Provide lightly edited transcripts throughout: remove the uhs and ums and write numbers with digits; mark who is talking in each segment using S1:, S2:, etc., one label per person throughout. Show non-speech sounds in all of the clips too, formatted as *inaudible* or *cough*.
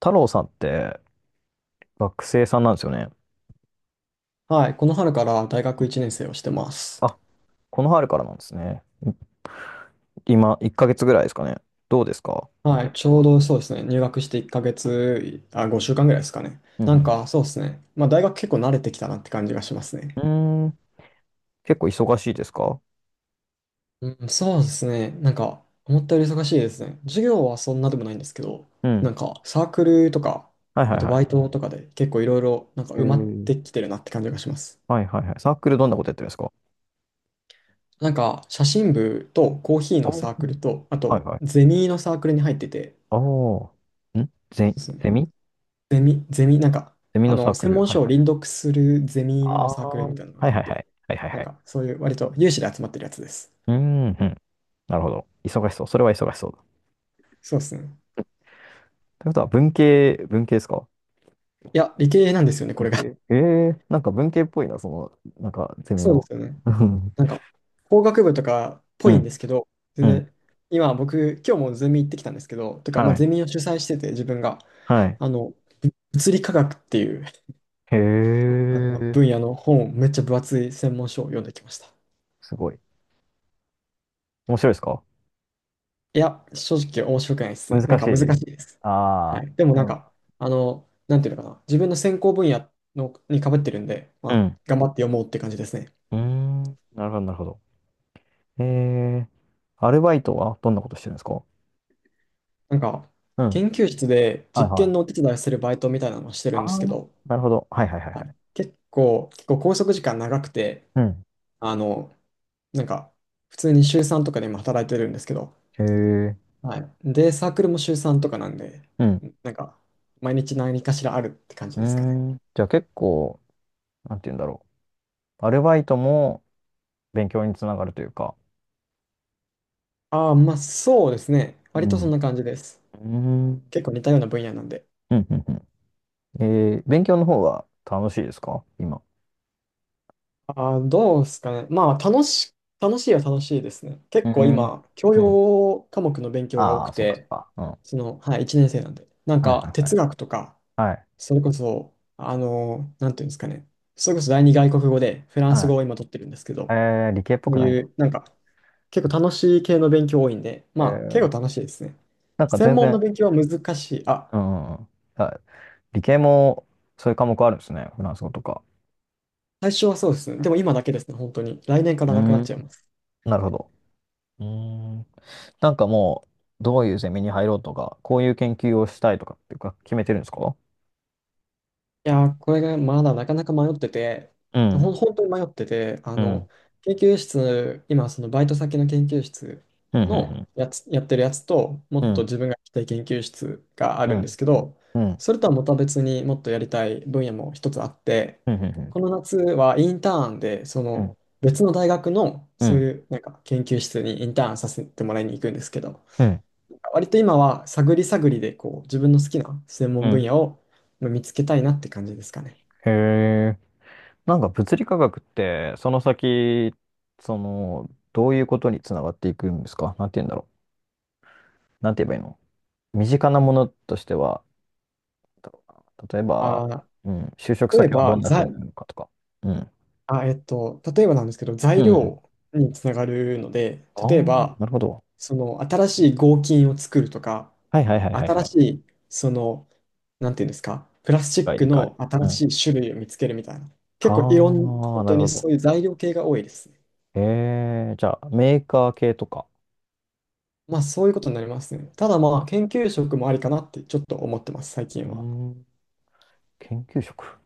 S1: 太郎さんって学生さんなんですよね。
S2: はい、この春から大
S1: う
S2: 学
S1: ん。
S2: 1年生をしてます。
S1: あ、この春からなんですね。今、1ヶ月ぐらいですかね。どうですか？
S2: はい、
S1: 結
S2: ちょう
S1: 構。
S2: どそうですね、入学して1ヶ月、あ、5週間ぐらいですかね。
S1: う
S2: なん
S1: ん
S2: かそうですね、まあ大学結構慣れてきたなって感じがします
S1: う
S2: ね。
S1: ん。うーん。結構忙しいですか？
S2: うん、そうですね、なんか思ったより忙しいですね。授業はそんなでもないんですけど、
S1: う
S2: な
S1: ん。
S2: んかサークルとか、
S1: はいは
S2: あ
S1: い
S2: と
S1: は
S2: バイ
S1: い。
S2: トとかで結構いろいろなんか
S1: え
S2: 埋まっ
S1: ー、
S2: てきてるなって感じがします。
S1: はいはいはい。サークルどんなことやってるんですか？
S2: なんか写真部とコーヒーの
S1: お
S2: サーク
S1: ー。
S2: ルと、あ
S1: はい
S2: と
S1: はい。
S2: ゼミのサークルに入ってて、
S1: おー。んゼ、ゼミ
S2: ゼミ、なんか、
S1: ゼミのサーク
S2: 専
S1: ル。
S2: 門
S1: はい
S2: 書を
S1: はい
S2: 輪
S1: はい。
S2: 読するゼミの
S1: あ
S2: サークル
S1: あ。は
S2: みた
S1: い
S2: いなの
S1: は
S2: があ
S1: い
S2: っ
S1: は
S2: て、
S1: い。はいはい
S2: な
S1: は
S2: ん
S1: い。
S2: か、そういう、割と有志で集まってるやつです。
S1: うーん、うん。なるほど。忙しそう。それは忙しそうだ。
S2: そうですね。
S1: ということは、文系、文系ですか？
S2: いや、理系なんですよね、こ
S1: 理
S2: れが。*laughs*
S1: 系。なんか文系っぽいな、なんかゼミ
S2: そうで
S1: の。
S2: すよね。
S1: うん、
S2: なんか、工学部とかっ
S1: う
S2: ぽいん
S1: ん、
S2: ですけど、全
S1: うん。
S2: 然、今日もゼミ行ってきたんですけど、とか、まあ、
S1: は
S2: ゼミ
S1: い、
S2: を主催してて、自分が、
S1: はい。
S2: あの、物理科学っていう
S1: へ
S2: あの
S1: え、
S2: 分野の本をめっちゃ分厚い専門書を読んできました。
S1: すごい。面白いですか？
S2: いや、正直面白くないですね。なん
S1: 難し
S2: か難
S1: い。
S2: しいです。は
S1: あ
S2: い。でも
S1: あ、
S2: なん
S1: うん。
S2: か、なんていうのかな。自分の専攻分野のにかぶってるんで、ま
S1: う
S2: あ、
S1: ん。
S2: 頑張って読もうって感じですね。
S1: うーん、なるほど、なるほど。ええ、アルバイトはどんなことしてるんですか？
S2: なんか、
S1: うん。
S2: 研究室で
S1: はい
S2: 実
S1: は
S2: 験
S1: い。
S2: のお手伝いをするバイトみたいなのをしてる
S1: あ
S2: んですけ
S1: あ、
S2: ど、
S1: なるほど。はいはいはいは
S2: は
S1: い。
S2: い。結構拘束時間長くて、
S1: うん。
S2: あの、なんか、普通に週3とかで今働いてるんですけど、
S1: へえ、
S2: はい。で、サークルも週3とかなんで、
S1: うん。
S2: なんか、毎日何かしらあるって感じ
S1: うー
S2: ですかね。
S1: ん。じゃあ結構、なんて言うんだろう。アルバイトも勉強につながるというか。
S2: ああ、まあそうですね。
S1: う
S2: 割とそ
S1: ん。
S2: ん
S1: う
S2: な感じです。
S1: ーん。
S2: 結構似たような分野なんで。
S1: うんうんうん。ええ、勉強の方は楽しいですか？今。
S2: ああ、どうですかね。楽しいは楽しいですね。
S1: う
S2: 結構
S1: ん。
S2: 今、教
S1: うん。
S2: 養科目の勉強が多
S1: あ
S2: く
S1: あ、そうかそう
S2: て、
S1: か。うん。は
S2: はい、1年生なんで。なん
S1: いはいは
S2: か
S1: い
S2: 哲学とか、
S1: はい
S2: それこそ、なんていうんですかね。それこそ第二外国語でフランス
S1: は
S2: 語を今取ってるんですけど、
S1: い。
S2: こ
S1: ええ、理系っぽく
S2: う
S1: ないの？
S2: いう、なんか結構楽しい系の勉強多いんで、まあ結
S1: え
S2: 構
S1: え、
S2: 楽しいですね。
S1: なんか
S2: 専
S1: 全
S2: 門の
S1: 然。
S2: 勉強は難しい。あ、
S1: うんうん。あ、理系もそういう科目あるんですね。フランス語とか。
S2: 最初はそうですね。でも今だけですね、本当に。来年から
S1: う
S2: なくなっちゃい
S1: ん。
S2: ます。
S1: なるほど。うん。なんかもう、どういうゼミに入ろうとかこういう研究をしたいとかっていうか決めてるんですか？
S2: いやー、これがまだなかなか迷ってて、
S1: うん
S2: 本当に迷ってて、
S1: うん
S2: 研究室、今、そのバイト先の研究室
S1: うんう
S2: の
S1: ん
S2: やつ、やってるやつと、も
S1: う
S2: っと
S1: ん
S2: 自分が行きたい研究室があ
S1: う
S2: るんで
S1: ん
S2: すけど、
S1: うんうん
S2: それとはまた別にもっとやりたい分野も一つあって、
S1: うんうん
S2: この夏はインターンで、その別の大学のそう
S1: う
S2: いうなんか研究室にインターンさせてもらいに行くんですけど、
S1: ん
S2: 割と今は探り探りでこう自分の好きな専
S1: う
S2: 門分
S1: ん。
S2: 野をまあ見つけたいなって感じですかね。
S1: へえ、なんか物理科学って、その先、その、どういうことにつながっていくんですか？なんて言うんだろう。なんて言えばいいの？身近なものとしては、た例えば、
S2: あ
S1: うん、就職
S2: ー、例え
S1: 先はど
S2: ば、
S1: んな風
S2: ざ、
S1: になるのかとか。うん。
S2: あ、えっと、例えばなんですけど、
S1: う
S2: 材
S1: ん。うん。
S2: 料につながるので、
S1: ああ
S2: 例え
S1: ー、
S2: ば、
S1: なるほど。
S2: その新しい合金を作るとか、
S1: はいはいはいはいは
S2: 新
S1: い。
S2: し
S1: 理
S2: い、その、なんていうんですか、プラスチッ
S1: 解。
S2: ク
S1: 理
S2: の
S1: 解。う
S2: 新し
S1: ん。
S2: い種類を見つけるみたいな、
S1: あ
S2: 結構いろん、本
S1: あ、な
S2: 当
S1: る
S2: に
S1: ほ
S2: そ
S1: ど。
S2: ういう材料系が多いですね。
S1: へえ、じゃあ、メーカー系とか。
S2: まあそういうことになりますね。ただまあ研究職もありかなってちょっと思ってます、最近
S1: う
S2: は。
S1: ん。研究職。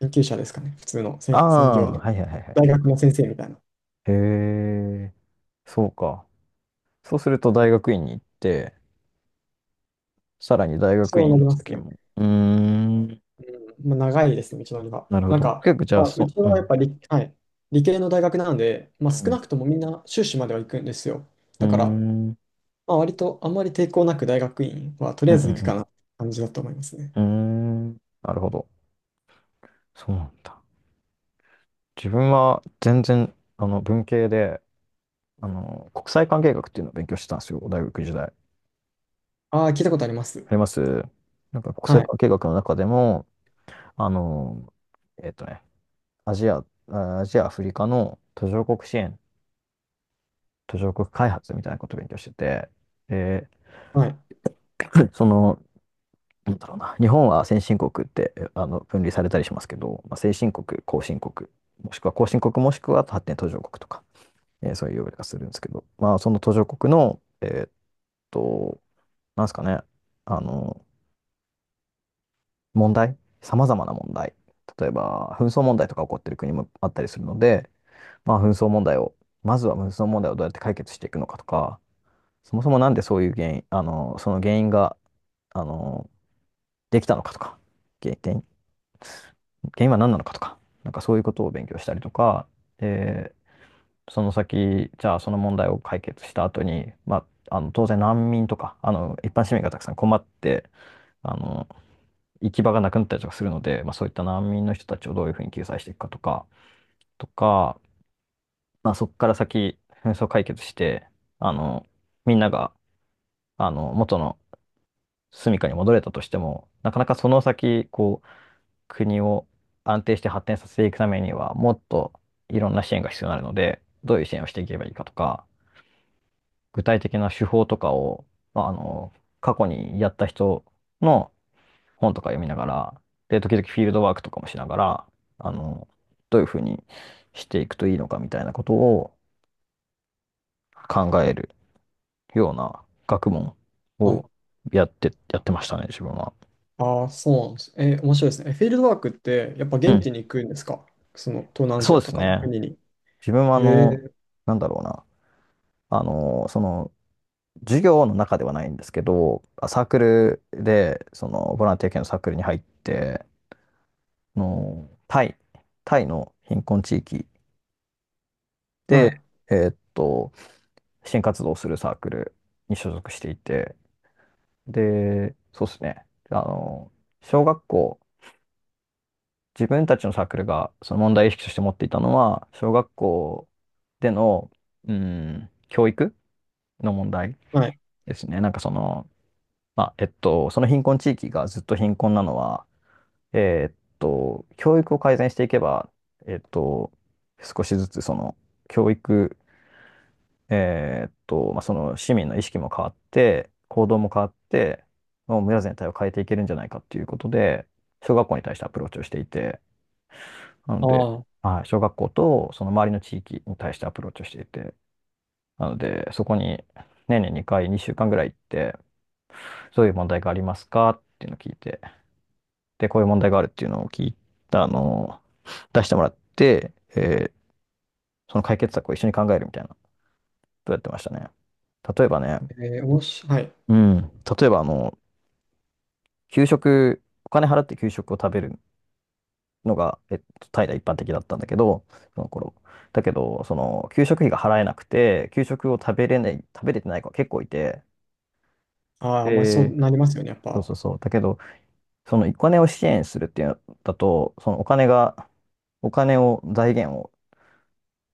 S2: 研究者ですかね。普通の
S1: あ
S2: 専、専業
S1: あ、
S2: の。
S1: はいはいはいはい。
S2: 大学の先生みたいな。
S1: へえ、そうか。そうすると大学院に行って、さらに大学
S2: そう
S1: 院
S2: な
S1: の
S2: ります
S1: 先
S2: ね。
S1: も。うーん、
S2: うん。まあ、長いですね、道のりは。
S1: なるほ
S2: なん
S1: ど。
S2: か、
S1: 結構じゃあ、
S2: まあ、う
S1: そ
S2: ち
S1: う、う
S2: はやっ
S1: ん。
S2: ぱり、はい、理系の大学なので、ま
S1: う
S2: あ、少
S1: ん。
S2: なくともみんな修士までは行くんですよ。
S1: うー
S2: だから、
S1: ん。うん
S2: まあ、割とあんまり抵抗なく大学院はとり
S1: う
S2: あえず行くか
S1: ん
S2: なって感じだと思いますね。
S1: うん。うーん。なるほど。そうなんだ。自分は全然、文系で、国際関係学っていうのを勉強してたんですよ、大学時代。
S2: ああ、聞いたことあります。
S1: あります。なんか国
S2: は
S1: 際
S2: い。
S1: 関係学の中でも、あの、えっとね、アジア、アジア、アフリカの途上国支援、途上国開発みたいなことを勉強してて、で
S2: はい。
S1: *laughs* *clears throat* その、なんだろうな、日本は先進国って分類されたりしますけど、まあ、先進国、後進国、もしくは後進国、もしくは発展途上国とか、そういう呼び方するんですけど、まあ、その途上国の、と、なんですかね、あの、問題、さまざまな問題、例えば紛争問題とか起こってる国もあったりするので、まあ、紛争問題を、まずは紛争問題をどうやって解決していくのかとか、そもそもなんでそういう原因、その原因が、あの、できたのかとか、原原原因は何なのかとか、なんかそういうことを勉強したりとか、で、その先、じゃあその問題を解決した後に、まあ、当然難民とか、一般市民がたくさん困って、あの行き場がなくなったりとかするので、まあ、そういった難民の人たちをどういうふうに救済していくかとか、とか、まあ、そこから先、紛争解決して、あのみんなが元の住処に戻れたとしても、なかなかその先、こう、国を安定して発展させていくためには、もっといろんな支援が必要になるので、どういう支援をしていけばいいかとか、具体的な手法とかを、まあ、過去にやった人の本とか読みながら、で、時々フィールドワークとかもしながら、あの、どういうふうにしていくといいのかみたいなことを考えるような学問
S2: はい。
S1: をやって、やってましたね、自分は。
S2: ああ、そうなんです。面白いですね。フィールドワークって、やっぱ
S1: う
S2: 現
S1: ん。
S2: 地に行くんですか？その東南アジ
S1: そう
S2: ア
S1: で
S2: と
S1: す
S2: かの
S1: ね。
S2: 国に。
S1: 自分は、
S2: へえ。
S1: なんだろうな。あの、その、授業の中ではないんですけど、サークルで、ボランティア系のサークルに入って、あの、タイ、タイの貧困地域
S2: は
S1: で、
S2: い。
S1: えーっと、支援活動をするサークルに所属していて、で、そうですね、小学校、自分たちのサークルが、その問題意識として持っていたのは、小学校での、うん、教育の問題
S2: はい。
S1: ですね。なんかその、まあ、その貧困地域がずっと貧困なのは、教育を改善していけば、えーっと、少しずつその教育、まあ、その市民の意識も変わって、行動も変わって、もう村全体を変えていけるんじゃないかっていうことで、小学校に対してアプローチをしていて、なの
S2: あ
S1: で、
S2: あ。
S1: はい、小学校とその周りの地域に対してアプローチをしていて、なので、そこに年に2回、2週間ぐらい行って、そういう問題がありますかっていうのを聞いて、で、こういう問題があるっていうのを聞いた、出してもらって、その解決策を一緒に考えるみたいなことやってましたね。例えばね、
S2: はい。
S1: うん、例えば給食、お金払って給食を食べるのが、タイでは一般的だったんだけど、その頃。だけど、給食費が払えなくて、給食を食べれない、食べれてない子が結構いて、
S2: ああ、まあ、そ
S1: で、
S2: うなりますよね、やっ
S1: そう
S2: ぱ。
S1: そうそう。だけど、そのお金を支援するっていうのだと、そのお金が、お金を、財源を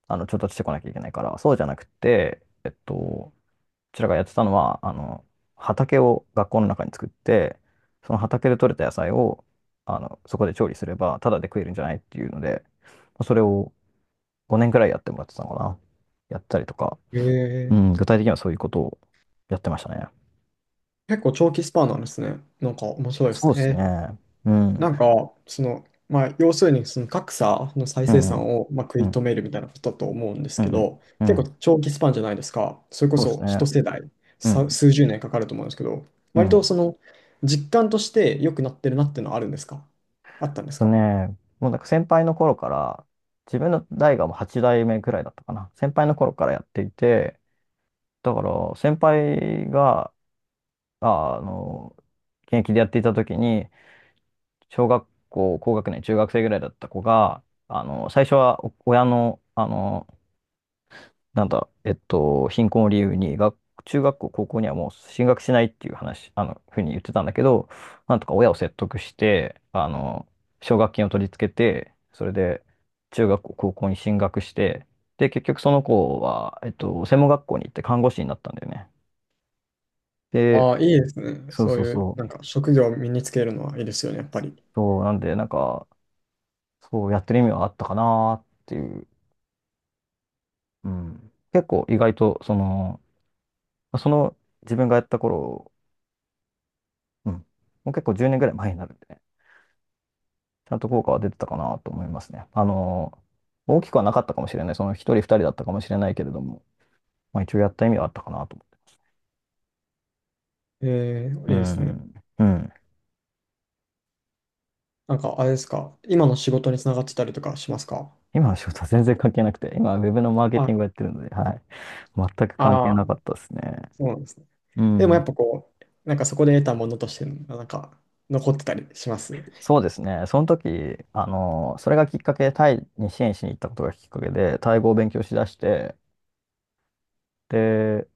S1: 調達してこなきゃいけないから、そうじゃなくて、こちらがやってたのは、畑を学校の中に作って、その畑で採れた野菜を、そこで調理すれば、ただで食えるんじゃないっていうので、それを5年くらいやってもらってたのかな。やったりとか、
S2: え
S1: うん、
S2: ー、
S1: 具体的にはそういうことをやってましたね。
S2: 結構長期スパンなんですね。なんか面白いで
S1: そ
S2: す
S1: うで
S2: ね。
S1: すね。うん。
S2: なんか、まあ、要するに、その格差の再
S1: う
S2: 生
S1: んう
S2: 産
S1: ん。
S2: を、まあ、食
S1: う
S2: い止
S1: ん。
S2: めるみたいなことだと思うんです
S1: う
S2: け
S1: ん。
S2: ど、
S1: う
S2: 結
S1: ん。
S2: 構長期スパンじゃないですか。それこ
S1: そうです
S2: そ
S1: ね。
S2: 一世代、
S1: うん。
S2: 数十年かかると思うんですけど、
S1: う
S2: 割と
S1: ん。
S2: 実感として良くなってるなっていうのはあるんですか？あったんです
S1: と
S2: か？
S1: ね、もうなんか先輩の頃から、自分の代がもう8代目くらいだったかな。先輩の頃からやっていて、だから先輩が、あ、あの、現役でやっていた時に、小学校、高学年、中学生ぐらいだった子が、最初はお親の、なんだ、貧困を理由に中学校、高校にはもう進学しないっていう話、ふうに言ってたんだけど、なんとか親を説得して、奨学金を取り付けて、それで中学校、高校に進学して、で、結局その子は、専門学校に行って看護師になったんだよね。で、
S2: ああー、いいですね。
S1: そう
S2: そう
S1: そう
S2: いう、
S1: そ
S2: なん
S1: う。
S2: か、職業を身につけるのはいいですよね、やっぱり。
S1: そう、なんで、なんか、そうやってる意味はあったかなっていう。うん。結構意外と、その自分がやった頃、うん、もう結構10年ぐらい前になるんでね、ちゃんと効果は出てたかなと思いますね。大きくはなかったかもしれない。その一人二人だったかもしれないけれども、まあ一応やった意味はあったかなと思って。う
S2: いいですね。
S1: ん。うん。
S2: なんか、あれですか。今の仕事につながってたりとかしますか？
S1: 今の仕事は全然関係なくて、今はウェブのマーケテ
S2: あ、
S1: ィングをやってるので、はい。全く関係
S2: ああ、
S1: なかったですね。
S2: そうなんですね。
S1: う
S2: でもやっ
S1: ん。
S2: ぱこう、なんかそこで得たものとして、なんか、残ってたりします。
S1: そうですね。その時、それがきっかけでタイに支援しに行ったことがきっかけで、タイ語を勉強しだして、で、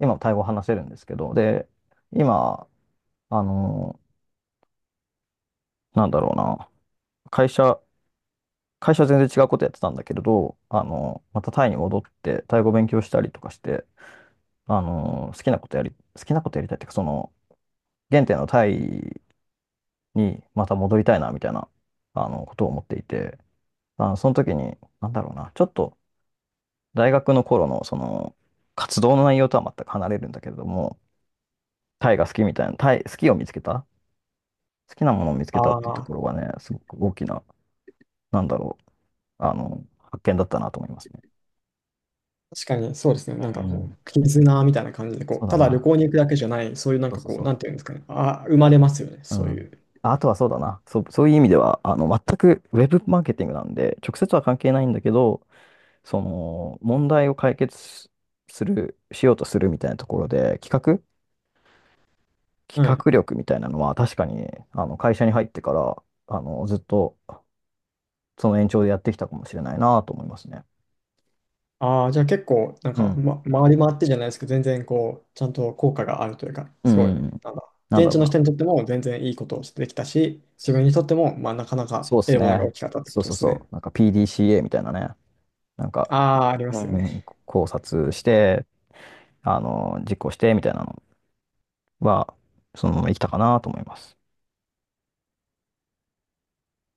S1: 今もタイ語を話せるんですけど、で、今、あの、なんだろうな、会社、会社は全然違うことやってたんだけれど、またタイに戻って、タイ語勉強したりとかして、あの、好きなことやり、好きなことやりたいっていうか、その、原点のタイにまた戻りたいな、みたいな、ことを思っていて、その時に、なんだろうな、ちょっと大学の頃の、その、活動の内容とは全く離れるんだけれども、タイが好きみたいな、タイ、好きを見つけた、好きなものを見つけたっ
S2: あ
S1: ていうとこ
S2: あ、
S1: ろがね、すごく大きな、なんだろう、発見だったなと思いますね。
S2: 確かにそうですね。
S1: う
S2: なんかこ
S1: ん、
S2: う、絆みたいな感じで、こ
S1: そう
S2: う、
S1: だ
S2: ただ旅
S1: な。
S2: 行に行くだけじゃない、そういうなん
S1: そう
S2: か
S1: そう
S2: こう、
S1: そ
S2: なん
S1: う。
S2: ていうんですかね。あ、生まれますよね。
S1: う
S2: そうい
S1: ん。
S2: う。
S1: あとはそうだな。そう、そういう意味では、全くウェブマーケティングなんで、直接は関係ないんだけど、その、問題を解決ししようとするみたいなところで、企
S2: はい。
S1: 画力みたいなのは、確かに、会社に入ってから、ずっと、その延長でやってきたかもしれないなと思いますね。
S2: ああ、じゃあ結構、なん
S1: う
S2: か、
S1: ん。
S2: ま、回り回ってじゃないですけど、全然こう、ちゃんと効果があるというか、
S1: う
S2: すごい、
S1: ん。
S2: なんだ、
S1: なん
S2: 現
S1: だ
S2: 地
S1: ろう
S2: の
S1: な。
S2: 人にとっても全然いいことをできたし、自分にとっても、まあ、なかなか
S1: そうで
S2: 得
S1: す
S2: るものが大
S1: ね。
S2: きかったってこ
S1: そう
S2: とで
S1: そう
S2: すね。
S1: そう。なんか PDCA みたたいなね。なんか、
S2: ああ、ありま
S1: う
S2: すよね。
S1: ん、考察して、実行してみたいなのは、そのまま生きたかなと思います。